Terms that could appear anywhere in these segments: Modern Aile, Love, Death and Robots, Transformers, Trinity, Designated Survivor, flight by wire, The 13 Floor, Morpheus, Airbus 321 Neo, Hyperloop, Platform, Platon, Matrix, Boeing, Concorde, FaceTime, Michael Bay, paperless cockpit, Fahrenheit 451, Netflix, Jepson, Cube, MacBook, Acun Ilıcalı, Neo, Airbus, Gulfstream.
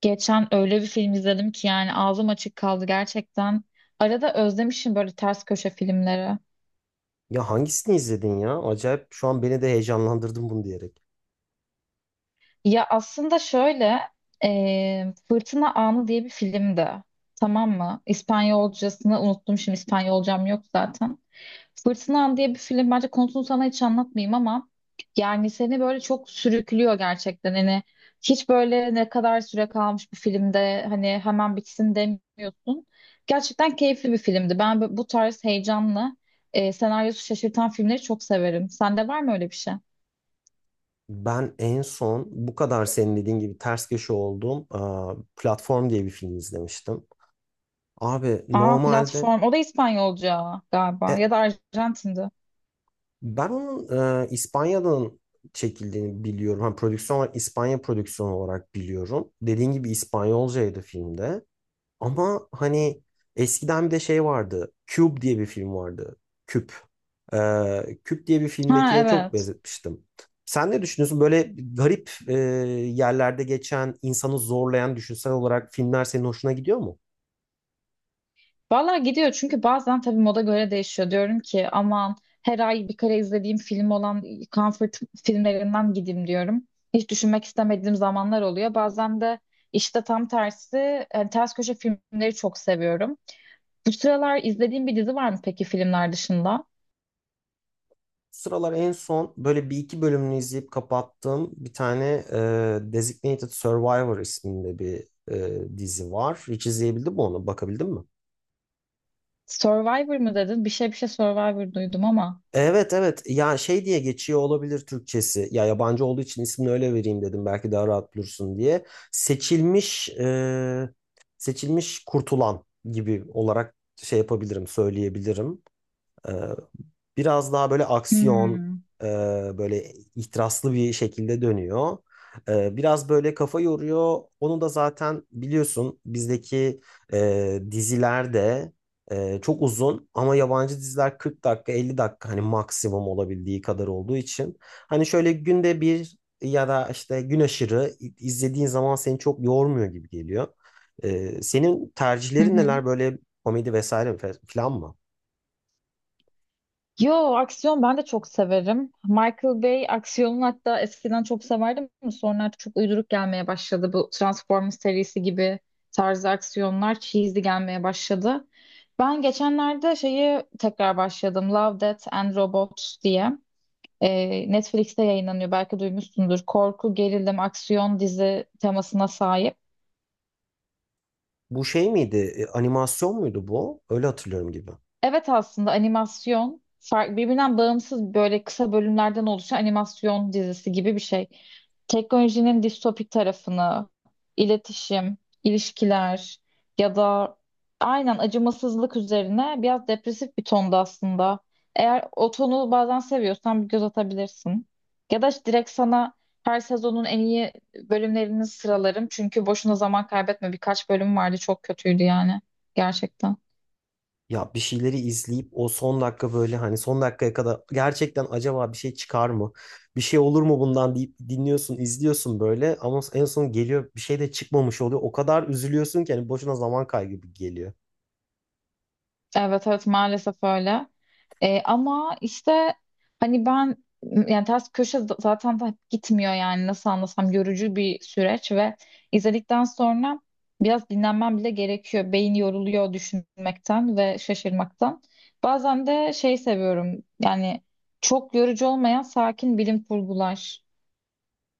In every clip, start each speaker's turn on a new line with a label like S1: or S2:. S1: Geçen öyle bir film izledim ki yani ağzım açık kaldı gerçekten. Arada özlemişim böyle ters köşe filmleri.
S2: Ya hangisini izledin ya? Acayip şu an beni de heyecanlandırdın bunu diyerek.
S1: Ya aslında şöyle Fırtına Anı diye bir filmdi. Tamam mı? İspanyolcasını unuttum, şimdi İspanyolcam yok zaten. Fırtınam diye bir film, bence konusunu sana hiç anlatmayayım ama yani seni böyle çok sürüklüyor gerçekten, hani hiç böyle ne kadar süre kalmış bir filmde hani hemen bitsin demiyorsun. Gerçekten keyifli bir filmdi. Ben bu tarz heyecanlı, senaryosu şaşırtan filmleri çok severim. Sende var mı öyle bir şey?
S2: Ben en son bu kadar senin dediğin gibi ters köşe olduğum Platform diye bir film izlemiştim. Abi
S1: Aa,
S2: normalde
S1: Platform. O da İspanyolca galiba,
S2: e,
S1: ya da Arjantin'di.
S2: ben onun İspanya'dan çekildiğini biliyorum. Hani prodüksiyon olarak İspanya prodüksiyonu olarak biliyorum. Dediğin gibi İspanyolcaydı filmde. Ama hani eskiden bir de şey vardı. Cube diye bir film vardı. Küp. Küp diye bir
S1: Ha,
S2: filmdekine çok
S1: evet.
S2: benzetmiştim. Sen ne düşünüyorsun? Böyle garip yerlerde geçen, insanı zorlayan düşünsel olarak filmler senin hoşuna gidiyor mu?
S1: Valla gidiyor, çünkü bazen tabii moda göre değişiyor. Diyorum ki aman, her ay bir kere izlediğim film olan comfort filmlerinden gideyim diyorum. Hiç düşünmek istemediğim zamanlar oluyor. Bazen de işte tam tersi, ters köşe filmleri çok seviyorum. Bu sıralar izlediğim bir dizi var mı peki filmler dışında?
S2: Bu sıralar en son böyle bir iki bölümünü izleyip kapattığım bir tane Designated Survivor isminde bir dizi var. Hiç izleyebildin mi onu? Bakabildin mi?
S1: Survivor mı dedin? Bir şey Survivor duydum ama.
S2: Evet, evet, ya şey diye geçiyor olabilir Türkçesi, ya yabancı olduğu için ismini öyle vereyim dedim belki daha rahat bulursun diye. Seçilmiş, seçilmiş kurtulan gibi olarak şey yapabilirim, söyleyebilirim. Biraz daha böyle aksiyon,
S1: Hmm.
S2: e, böyle ihtiraslı bir şekilde dönüyor. Biraz böyle kafa yoruyor. Onu da zaten biliyorsun, bizdeki dizilerde çok uzun, ama yabancı diziler 40 dakika 50 dakika hani maksimum olabildiği kadar olduğu için, hani şöyle günde bir ya da işte gün aşırı izlediğin zaman seni çok yormuyor gibi geliyor. Senin
S1: Hı
S2: tercihlerin
S1: hı.
S2: neler böyle, komedi vesaire falan mı?
S1: Yo, aksiyon ben de çok severim. Michael Bay aksiyonunu hatta eskiden çok severdim ama sonra artık çok uyduruk gelmeye başladı. Bu Transformers serisi gibi tarzı aksiyonlar cheesy gelmeye başladı. Ben geçenlerde şeyi tekrar başladım. Love, Death and Robots diye. Netflix'te yayınlanıyor, belki duymuşsundur. Korku, gerilim, aksiyon dizi temasına sahip.
S2: Bu şey miydi? Animasyon muydu bu? Öyle hatırlıyorum gibi.
S1: Evet, aslında animasyon, fark birbirinden bağımsız böyle kısa bölümlerden oluşan animasyon dizisi gibi bir şey. Teknolojinin distopik tarafını, iletişim, ilişkiler ya da aynen acımasızlık üzerine biraz depresif bir tonda aslında. Eğer o tonu bazen seviyorsan bir göz atabilirsin. Ya da direkt sana her sezonun en iyi bölümlerini sıralarım. Çünkü boşuna zaman kaybetme. Birkaç bölüm vardı çok kötüydü yani gerçekten.
S2: Ya bir şeyleri izleyip o son dakika, böyle hani son dakikaya kadar, gerçekten acaba bir şey çıkar mı? Bir şey olur mu bundan deyip dinliyorsun, izliyorsun böyle, ama en son geliyor, bir şey de çıkmamış oluyor. O kadar üzülüyorsun ki hani boşuna zaman kaybı gibi geliyor.
S1: Evet evet, maalesef öyle. Ama işte hani ben yani ters köşe zaten da gitmiyor, yani nasıl anlasam, yorucu bir süreç ve izledikten sonra biraz dinlenmem bile gerekiyor. Beyin yoruluyor düşünmekten ve şaşırmaktan. Bazen de şey seviyorum, yani çok yorucu olmayan sakin bilim kurgular.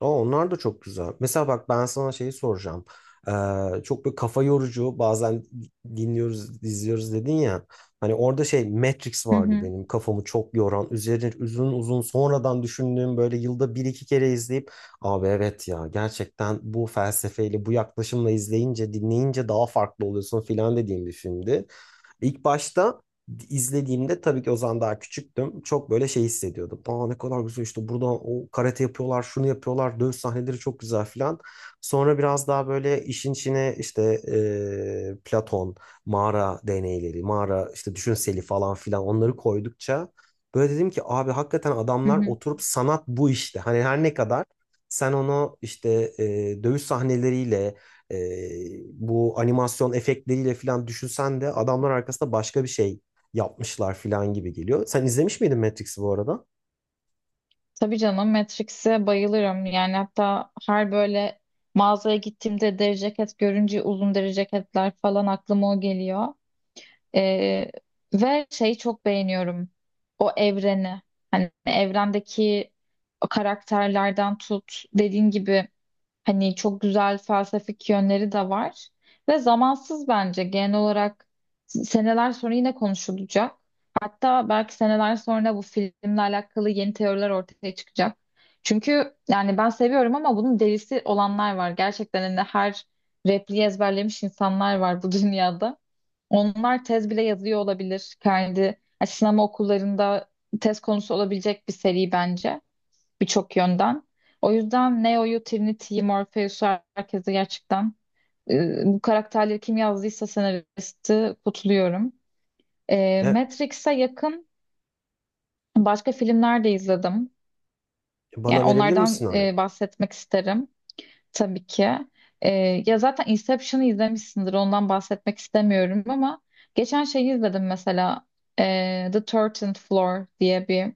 S2: Aa, onlar da çok güzel. Mesela bak, ben sana şeyi soracağım. Çok böyle kafa yorucu bazen dinliyoruz, izliyoruz dedin ya. Hani orada şey Matrix
S1: Hı
S2: vardı
S1: hı,
S2: benim kafamı çok yoran. Üzerine uzun uzun sonradan düşündüğüm, böyle yılda bir iki kere izleyip, abi evet ya, gerçekten bu felsefeyle bu yaklaşımla izleyince dinleyince daha farklı oluyorsun filan dediğim bir filmdi. İlk başta izlediğimde, tabii ki o zaman daha küçüktüm, çok böyle şey hissediyordum. Aa, ne kadar güzel, işte burada o karate yapıyorlar, şunu yapıyorlar, dövüş sahneleri çok güzel filan. Sonra biraz daha böyle işin içine, işte Platon, mağara deneyleri, mağara işte düşünseli falan filan, onları koydukça böyle dedim ki, abi hakikaten
S1: hı
S2: adamlar
S1: hı.
S2: oturup, sanat bu işte. Hani her ne kadar sen onu işte dövüş sahneleriyle e, bu animasyon efektleriyle falan düşünsen de, adamlar arkasında başka bir şey yapmışlar falan gibi geliyor. Sen izlemiş miydin Matrix'i bu arada?
S1: Tabii canım, Matrix'e bayılırım. Yani hatta her böyle mağazaya gittiğimde deri ceket görünce, uzun deri ceketler falan, aklıma o geliyor. Ee, ve şeyi çok beğeniyorum. O evreni. Hani evrendeki o karakterlerden tut. Dediğin gibi, hani çok güzel felsefik yönleri de var. Ve zamansız bence genel olarak, seneler sonra yine konuşulacak. Hatta belki seneler sonra bu filmle alakalı yeni teoriler ortaya çıkacak. Çünkü yani ben seviyorum ama bunun delisi olanlar var. Gerçekten hani her repliği ezberlemiş insanlar var bu dünyada. Onlar tez bile yazıyor olabilir. Kendi yani sinema okullarında tez konusu olabilecek bir seri bence, birçok yönden. O yüzden Neo'yu, Trinity'yi, Morpheus'u, herkese gerçekten, bu karakterleri kim yazdıysa senaristi kutluyorum. E,
S2: E,
S1: Matrix'e yakın başka filmler de izledim.
S2: Bana
S1: Yani
S2: verebilir
S1: onlardan
S2: misin örnek?
S1: bahsetmek isterim tabii ki. E, ya zaten Inception'ı izlemişsindir, ondan bahsetmek istemiyorum ama geçen şeyi izledim mesela, The 13 Floor diye bir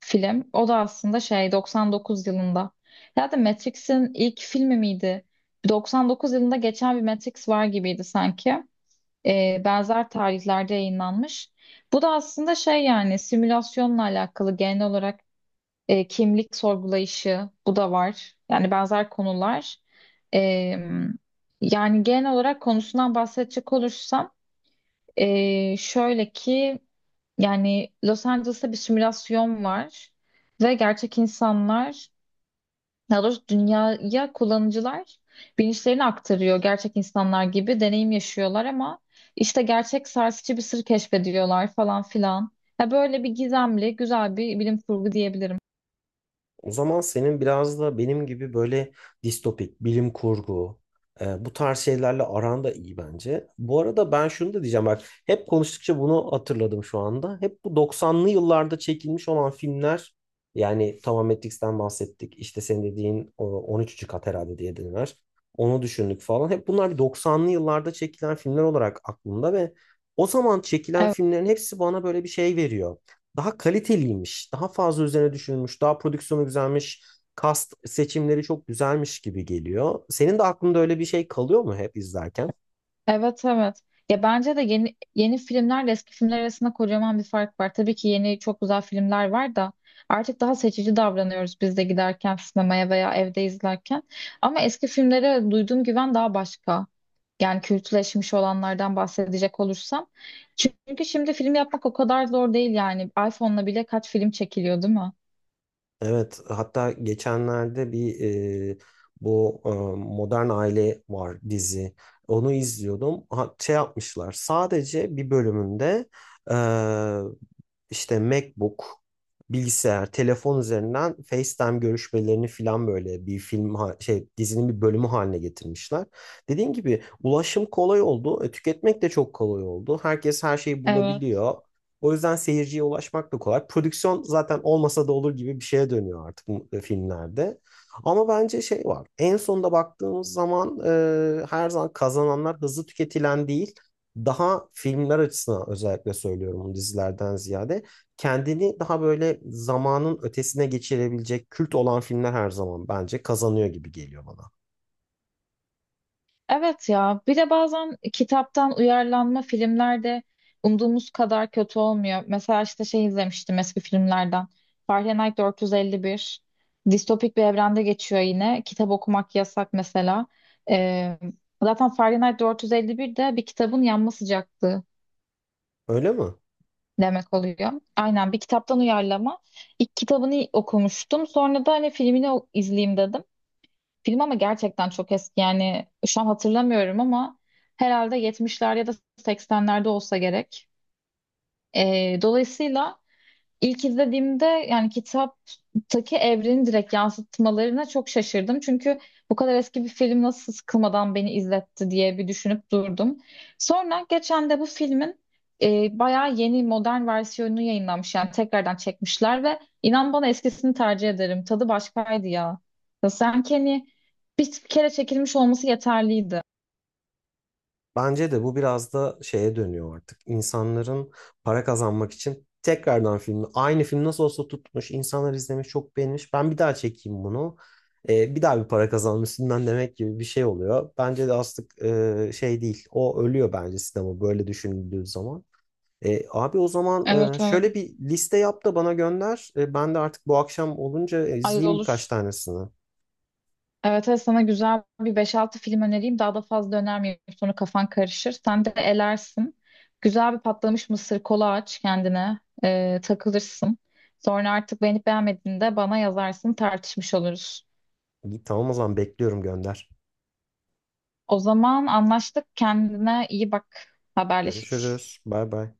S1: film. O da aslında şey, 99 yılında. Ya da Matrix'in ilk filmi miydi? 99 yılında geçen bir Matrix var gibiydi sanki. Benzer tarihlerde yayınlanmış. Bu da aslında şey, yani simülasyonla alakalı genel olarak kimlik sorgulayışı bu da var. Yani benzer konular. Ee, yani genel olarak konusundan bahsedecek olursam, şöyle ki, yani Los Angeles'ta bir simülasyon var ve gerçek insanlar, daha doğrusu dünyaya kullanıcılar bilinçlerini aktarıyor, gerçek insanlar gibi deneyim yaşıyorlar ama işte gerçek sarsıcı bir sır keşfediyorlar falan filan. Ya böyle bir gizemli, güzel bir bilim kurgu diyebilirim.
S2: O zaman senin biraz da benim gibi böyle distopik, bilim kurgu, bu tarz şeylerle aran da iyi bence. Bu arada ben şunu da diyeceğim bak, hep konuştukça bunu hatırladım şu anda. Hep bu 90'lı yıllarda çekilmiş olan filmler, yani tamam Matrix'ten bahsettik. İşte senin dediğin o 13. kat herhalde diye dediler, onu düşündük falan. Hep bunlar bir 90'lı yıllarda çekilen filmler olarak aklımda, ve o zaman çekilen filmlerin hepsi bana böyle bir şey veriyor: daha kaliteliymiş, daha fazla üzerine düşünülmüş, daha prodüksiyonu güzelmiş, cast seçimleri çok güzelmiş gibi geliyor. Senin de aklında öyle bir şey kalıyor mu hep izlerken?
S1: Evet, evet. Ya bence de yeni yeni filmlerle eski filmler arasında kocaman bir fark var. Tabii ki yeni çok güzel filmler var da artık daha seçici davranıyoruz biz de, giderken sinemaya veya evde izlerken. Ama eski filmlere duyduğum güven daha başka. Yani kültleşmiş olanlardan bahsedecek olursam. Çünkü şimdi film yapmak o kadar zor değil yani. iPhone'la bile kaç film çekiliyor, değil mi?
S2: Evet, hatta geçenlerde bir e, bu Modern Aile var, dizi. Onu izliyordum. Ha, şey yapmışlar. Sadece bir bölümünde e, işte MacBook, bilgisayar, telefon üzerinden FaceTime görüşmelerini filan böyle bir şey dizinin bir bölümü haline getirmişler. Dediğim gibi ulaşım kolay oldu, tüketmek de çok kolay oldu. Herkes her şeyi
S1: Evet.
S2: bulabiliyor. O yüzden seyirciye ulaşmak da kolay. Prodüksiyon zaten olmasa da olur gibi bir şeye dönüyor artık bu filmlerde. Ama bence şey var. En sonunda baktığımız zaman her zaman kazananlar hızlı tüketilen değil, daha filmler açısından özellikle söylüyorum bunu, dizilerden ziyade kendini daha böyle zamanın ötesine geçirebilecek, kült olan filmler her zaman bence kazanıyor gibi geliyor bana.
S1: Evet ya, bir de bazen kitaptan uyarlanma filmlerde umduğumuz kadar kötü olmuyor. Mesela işte şey izlemiştim, eski filmlerden. Fahrenheit 451. Distopik bir evrende geçiyor yine. Kitap okumak yasak mesela. Ee, zaten Fahrenheit 451 de bir kitabın yanma sıcaklığı
S2: Öyle mi?
S1: demek oluyor. Aynen, bir kitaptan uyarlama. İlk kitabını okumuştum. Sonra da hani filmini izleyeyim dedim. Film ama gerçekten çok eski, yani şu an hatırlamıyorum ama herhalde yetmişler ya da seksenlerde olsa gerek. Dolayısıyla İlk izlediğimde, yani kitaptaki evrenin direkt yansıtmalarına çok şaşırdım. Çünkü bu kadar eski bir film nasıl sıkılmadan beni izletti diye bir düşünüp durdum. Sonra geçen de bu filmin bayağı yeni modern versiyonu yayınlanmış. Yani tekrardan çekmişler ve inan bana eskisini tercih ederim. Tadı başkaydı ya. Ya sanki hani bir kere çekilmiş olması yeterliydi.
S2: Bence de bu biraz da şeye dönüyor artık. İnsanların para kazanmak için tekrardan filmi, aynı film nasıl olsa tutmuş, insanlar izlemiş, çok beğenmiş, ben bir daha çekeyim bunu. Bir daha bir para kazanma üstünden demek gibi bir şey oluyor. Bence de aslında şey değil. O ölüyor bence, sinema, böyle düşünüldüğü zaman. Abi o zaman
S1: Evet, evet.
S2: şöyle bir liste yap da bana gönder. Ben de artık bu akşam olunca
S1: Ay,
S2: izleyeyim birkaç
S1: olur.
S2: tanesini.
S1: Evet, evet, sana güzel bir beş-altı film önereyim. Daha da fazla önermeyeyim, sonra kafan karışır, sen de elersin. Güzel bir patlamış mısır, kola aç kendine. Takılırsın. Sonra artık beğenip beğenmediğinde bana yazarsın. Tartışmış oluruz.
S2: İyi, tamam, o zaman bekliyorum, gönder.
S1: O zaman anlaştık. Kendine iyi bak. Haberleşiriz.
S2: Görüşürüz. Bay bay.